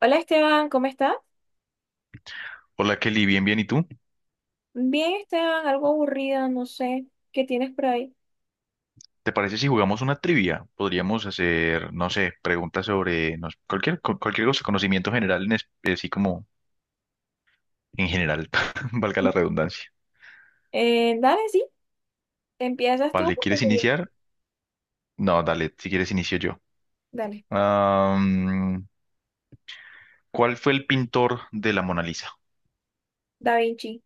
Hola Esteban, ¿cómo estás? Hola Kelly, bien, bien. ¿Y tú? Bien Esteban, algo aburrida, no sé qué tienes por ahí. ¿Te parece si jugamos una trivia? Podríamos hacer, no sé, preguntas sobre no sé, cualquier cosa, conocimiento general, así como en general, valga la redundancia. Dale, sí, empiezas tú. Vale, Porque ¿quieres iniciar? No, dale, si quieres inicio yo. Dale. Am, ¿Cuál fue el pintor de la Mona Lisa? Da Vinci.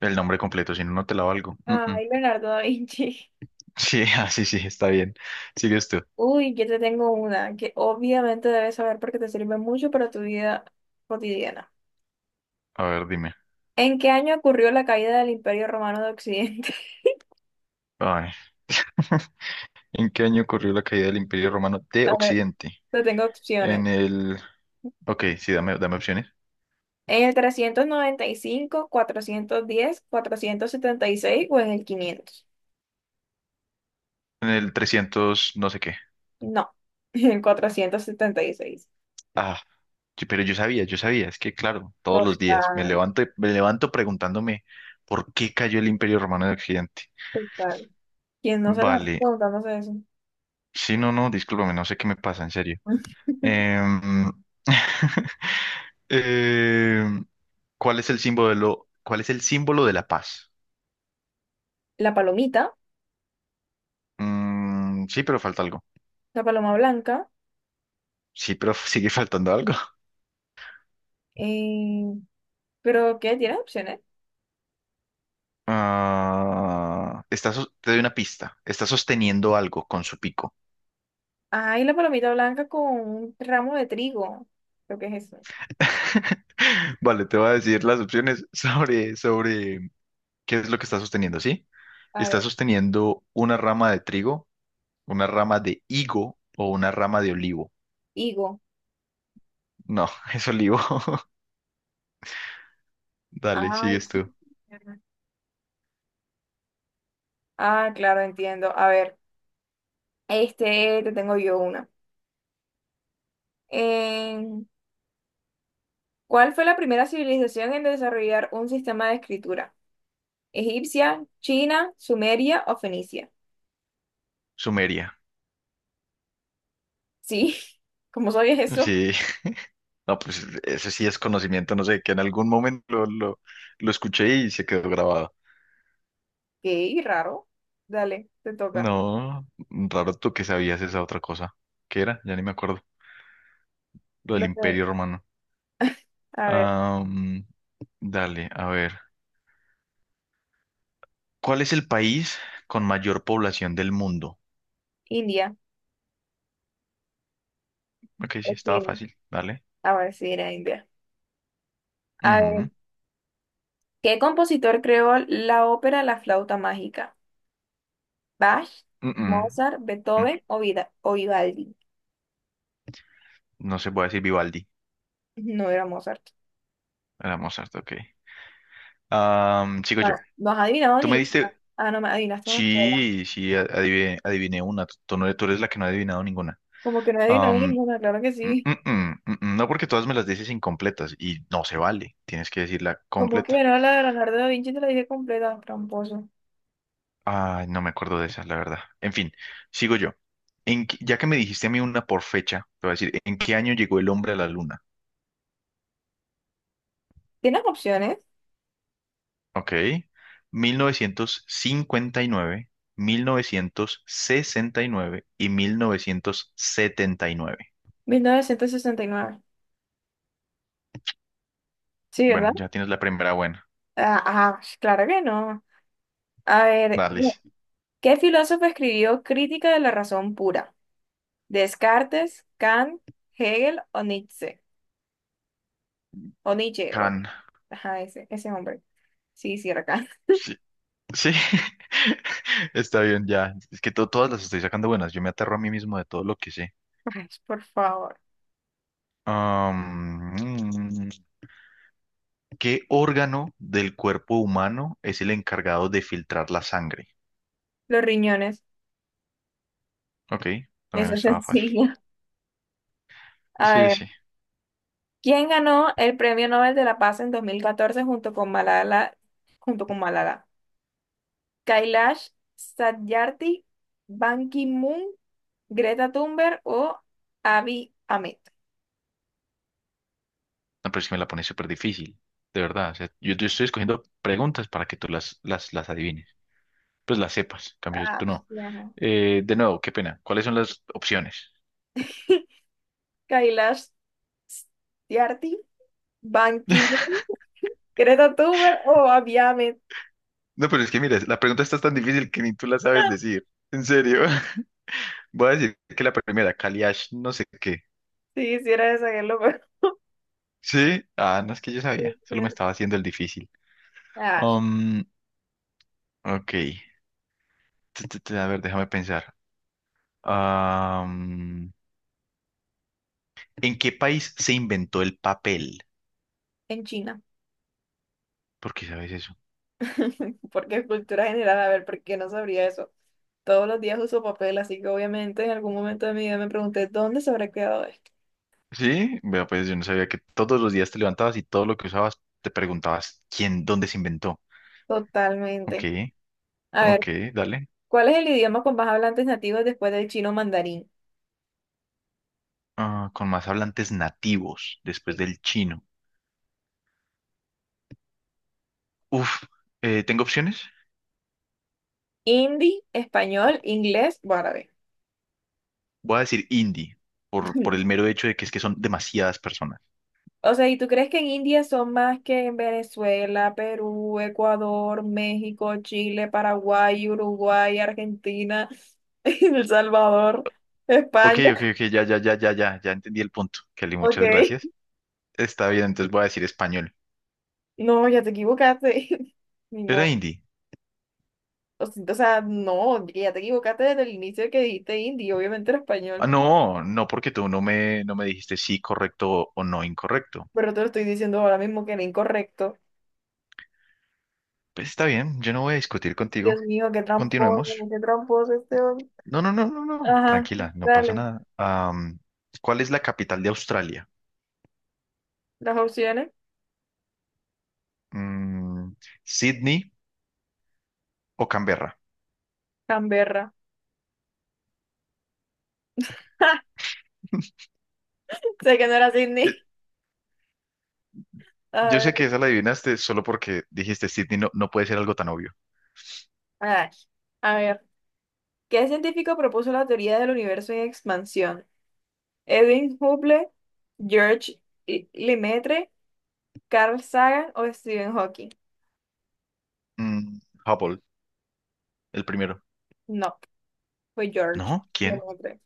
El nombre completo, si no, no te la valgo. Mm, mm. Ay, Leonardo da Vinci. Sí, ah, sí, sí, está bien. Sigues tú. Uy, yo te tengo una que obviamente debes saber porque te sirve mucho para tu vida cotidiana. A ver, dime. ¿En qué año ocurrió la caída del Imperio Romano de Occidente? Ay. ¿En qué año ocurrió la caída del Imperio Romano de A ver, Occidente? te tengo opciones. En el Ok, sí, dame, dame opciones. ¿En el trescientos noventa y cinco, cuatrocientos diez, cuatrocientos setenta y seis o en el quinientos? En el 300, no sé qué. No, en 476. Ah, pero yo sabía, yo sabía. Es que, claro, todos los días me Total, levanto, me levanto preguntándome por qué cayó el Imperio Romano en Occidente. total. ¿Quién no se lo va Vale. preguntándose eso? Sí, no, no, discúlpame, no sé qué me pasa, en serio. Em, em, ¿cuál es el símbolo, cuál es el símbolo de la paz? La palomita, Mm, sí, pero falta algo. la paloma blanca. Sí, pero sigue faltando algo. eh, ¿Pero qué? ¿Tiene opciones? Ah, te doy una pista. Está sosteniendo algo con su pico. Ay, la palomita blanca con un ramo de trigo. Creo que es eso. Vale, te voy a decir las opciones sobre qué es lo que está sosteniendo, ¿sí? A Está ver, sosteniendo una rama de trigo, una rama de higo o una rama de olivo. higo. No, es olivo. Dale, Ay, sigues tú. ah, claro, entiendo. A ver, este te tengo yo una. Eh, ¿Cuál fue la primera civilización en desarrollar un sistema de escritura? Egipcia, China, Sumeria o Fenicia. Sumeria. Sí, ¿cómo sabías eso? Sí, no, pues ese sí es conocimiento, no sé, que en algún momento lo escuché y se quedó grabado. Qué raro. Dale, te toca. No, raro tú que sabías esa otra cosa. ¿Qué era? Ya ni me acuerdo. Lo del Los de- Imperio Romano. a ver, Ah, dale, a ver. ¿Cuál es el país con mayor población del mundo? India Ok, sí, o estaba China. fácil. Dale. A ver si era India. A Ujú. ver, ¿qué compositor creó la ópera La flauta mágica? ¿Bach, Mm, mm, Mozart, mm. Beethoven o, Vida o Vivaldi? No se puede decir Vivaldi. No era Mozart. Era Mozart, ok. Ah, sigo Bueno, yo. no has adivinado Tú me ninguna. diste. Ah, no me adivinaste una sola. Sí, sí, adiviné, adiviné una. Tú eres la que no ha adivinado ninguna. ¿Como que no he adivinado ninguna? Claro que Mm, sí. mm, mm, mm, mm. No porque todas me las dices incompletas y no se vale, tienes que decirla Como que completa. no, la de Leonardo da Vinci te la dije completa, tramposo. Ay, no me acuerdo de esas, la verdad. En fin, sigo yo. Ya que me dijiste a mí una por fecha, te voy a decir, ¿en qué año llegó el hombre a la luna? ¿Tienes opciones? Ok, 1959, mil novecientos sesenta y 1979. 1969. Sí, Bueno, ¿verdad? ya tienes la primera buena. Ah, ah, claro que no. A ver, Dale, no, ¿qué filósofo escribió Crítica de la razón pura? ¿Descartes, Kant, Hegel o Nietzsche? O Nietzsche, o- Can. ajá, ese, ese hombre. Sí, sí, era Kant. Sí, sí, está bien, ya. Es que todas las estoy sacando buenas. Yo me aterro a mí mismo de todo lo que sé. Ay, por favor. Am, mm, ¿Qué órgano del cuerpo humano es el encargado de filtrar la sangre? Los riñones, Ok, también eso es estaba fácil. sencillo. A Sí, ver, sí. ¿quién ganó el Premio Nobel de la Paz en 2014 junto con Malala, junto con Malala? Kailash Satyarthi, Ban Ki-moon, Greta Thunberg o Abiy Ahmed. No, pero es que me la pone súper difícil, de verdad. O sea, yo estoy escogiendo preguntas para que tú las adivines, pues las sepas. En cambio, Ah, tú no. sí, ajá. De nuevo, qué pena. ¿Cuáles son las opciones? Kailash Tyagi, Ban Ki-moon, Greta Thunberg o Abiy Ahmed. No, pero es que mira, la pregunta está tan difícil que ni tú la sabes decir. En serio. Voy a decir que la primera, Kaliash, no sé qué. Si hiciera esa, qué loco. Sí, ah, no es que yo Sí, sabía, sí, solo me sí. estaba haciendo el difícil. Ah, Um, ok, a ver, déjame pensar. Am, ¿En qué país se inventó el papel? en China. ¿Por qué sabes eso? Porque es cultura general, a ver, ¿por qué no sabría eso? Todos los días uso papel, así que obviamente en algún momento de mi vida me pregunté dónde se habrá quedado esto. Sí, vea, pues yo no sabía que todos los días te levantabas y todo lo que usabas te preguntabas quién, dónde se inventó. Ok, Totalmente. A ok, ver, dale. ¿cuál es el idioma con más hablantes nativos después del chino mandarín? Ah, con más hablantes nativos después Sí. del chino. Uf, ¿tengo opciones? Hindi, español, inglés o árabe. Voy a decir indie, por el mero hecho de que es que son demasiadas personas. O sea, ¿y tú crees que en India son más que en Venezuela, Perú, Ecuador, México, Chile, Paraguay, Uruguay, Argentina, El Salvador, Ok, España? ok, ok, ya, ya, ya, ya, ya, ya entendí el punto. Kelly, Ok. muchas gracias. Está bien, entonces voy a decir español. No, ya te equivocaste. Ni Era modo. indie. O sea, no, que ya te equivocaste desde el inicio que dijiste indio, obviamente era Ah, español. no, no, porque tú no me dijiste sí, correcto o no incorrecto. Pero te lo estoy diciendo ahora mismo que era incorrecto. Pues está bien, yo no voy a discutir Dios contigo. mío, Continuemos. qué tramposo este hombre. No, no, no, no, no. Ajá, Tranquila, no pasa dale. nada. ¿Cuál es la capital de Australia? Las opciones. Mm, ¿Sydney o Canberra? Canberra. Sé que no era Sydney. A Yo ver, sé que esa la adivinaste solo porque dijiste Sydney no, no puede ser algo tan obvio. ah, a ver, ¿qué científico propuso la teoría del universo en expansión? ¿Edwin Hubble, George Lemaitre, Carl Sagan o Stephen Hawking? Mm, Hubble, el primero. No, fue George ¿No? ¿Quién? Lemaitre.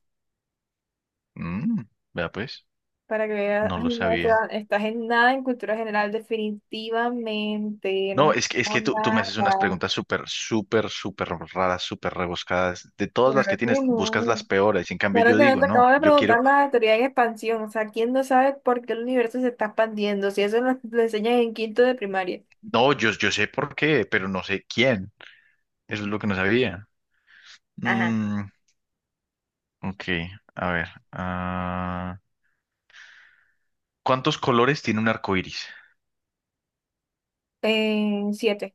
Mm, vea pues, Para que veas, no ay, lo no, o sea, sabía. estás en nada en cultura general, definitivamente, no No, estás es que en tú me nada. haces unas preguntas súper, súper, súper raras, súper rebuscadas. De todas las Claro que que tienes, no. buscas las peores. En cambio, Claro yo que no, digo, te acabo no, de yo quiero. preguntar la teoría en expansión, o sea, ¿quién no sabe por qué el universo se está expandiendo? Si eso nos lo enseñan en quinto de primaria. No, yo sé por qué, pero no sé quién. Eso es lo que no sabía. Ajá. Mm, ok, a ver. Ah, ¿cuántos colores tiene un arco iris? En siete.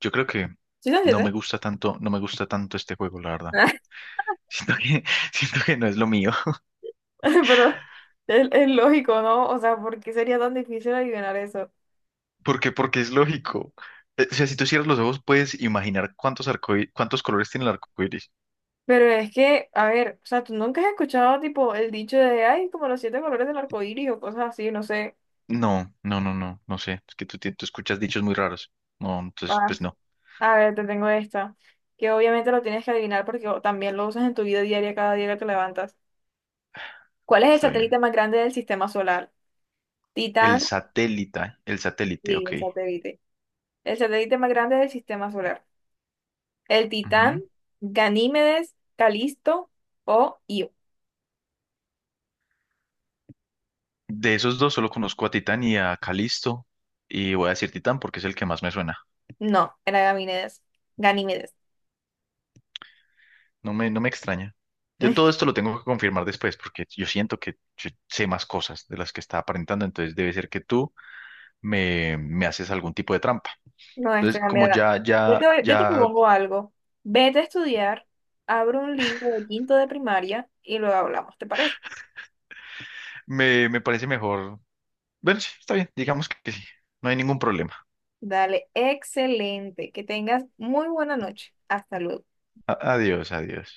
Yo creo que ¿Sí son no me siete? gusta tanto, no me gusta tanto este juego, la verdad. Siento que, siento que no es lo mío. Pero es lógico, ¿no? O sea, ¿por qué sería tan difícil adivinar eso? ¿Por qué? Porque es lógico. O sea, si tú cierras los ojos, puedes imaginar cuántos cuántos colores tiene el arco iris. Pero es que, a ver, o sea, tú nunca has escuchado tipo el dicho de, ay, como los siete colores del arco iris o cosas así, no sé. No, no, no, no, no sé. Es que tú escuchas dichos muy raros. No, entonces, Ah, pues no. a ver, te tengo esta, que obviamente lo tienes que adivinar porque también lo usas en tu vida diaria cada día que te levantas. ¿Cuál es el Está bien. satélite más grande del sistema solar? Titán, El satélite, sí, ok. el satélite. El satélite más grande del sistema solar. El Titán, Ujú. Ganímedes, Calisto o Io. De esos dos solo conozco a Titán y a Calisto. Y voy a decir Titán porque es el que más me suena. No, era Ganímedes. Ganímedes. No me extraña. Yo todo esto lo tengo que confirmar después porque yo siento que yo sé más cosas de las que está aparentando, entonces debe ser que tú me haces algún tipo de trampa. No, este Entonces, como era. ya, ya, Yo te ya propongo algo. Vete a estudiar, abre un libro de quinto de primaria y luego hablamos, ¿te parece? me parece mejor. Bueno, sí, está bien, digamos que sí, no hay ningún problema. Dale, excelente. Que tengas muy buena noche. Hasta luego. Adiós, adiós.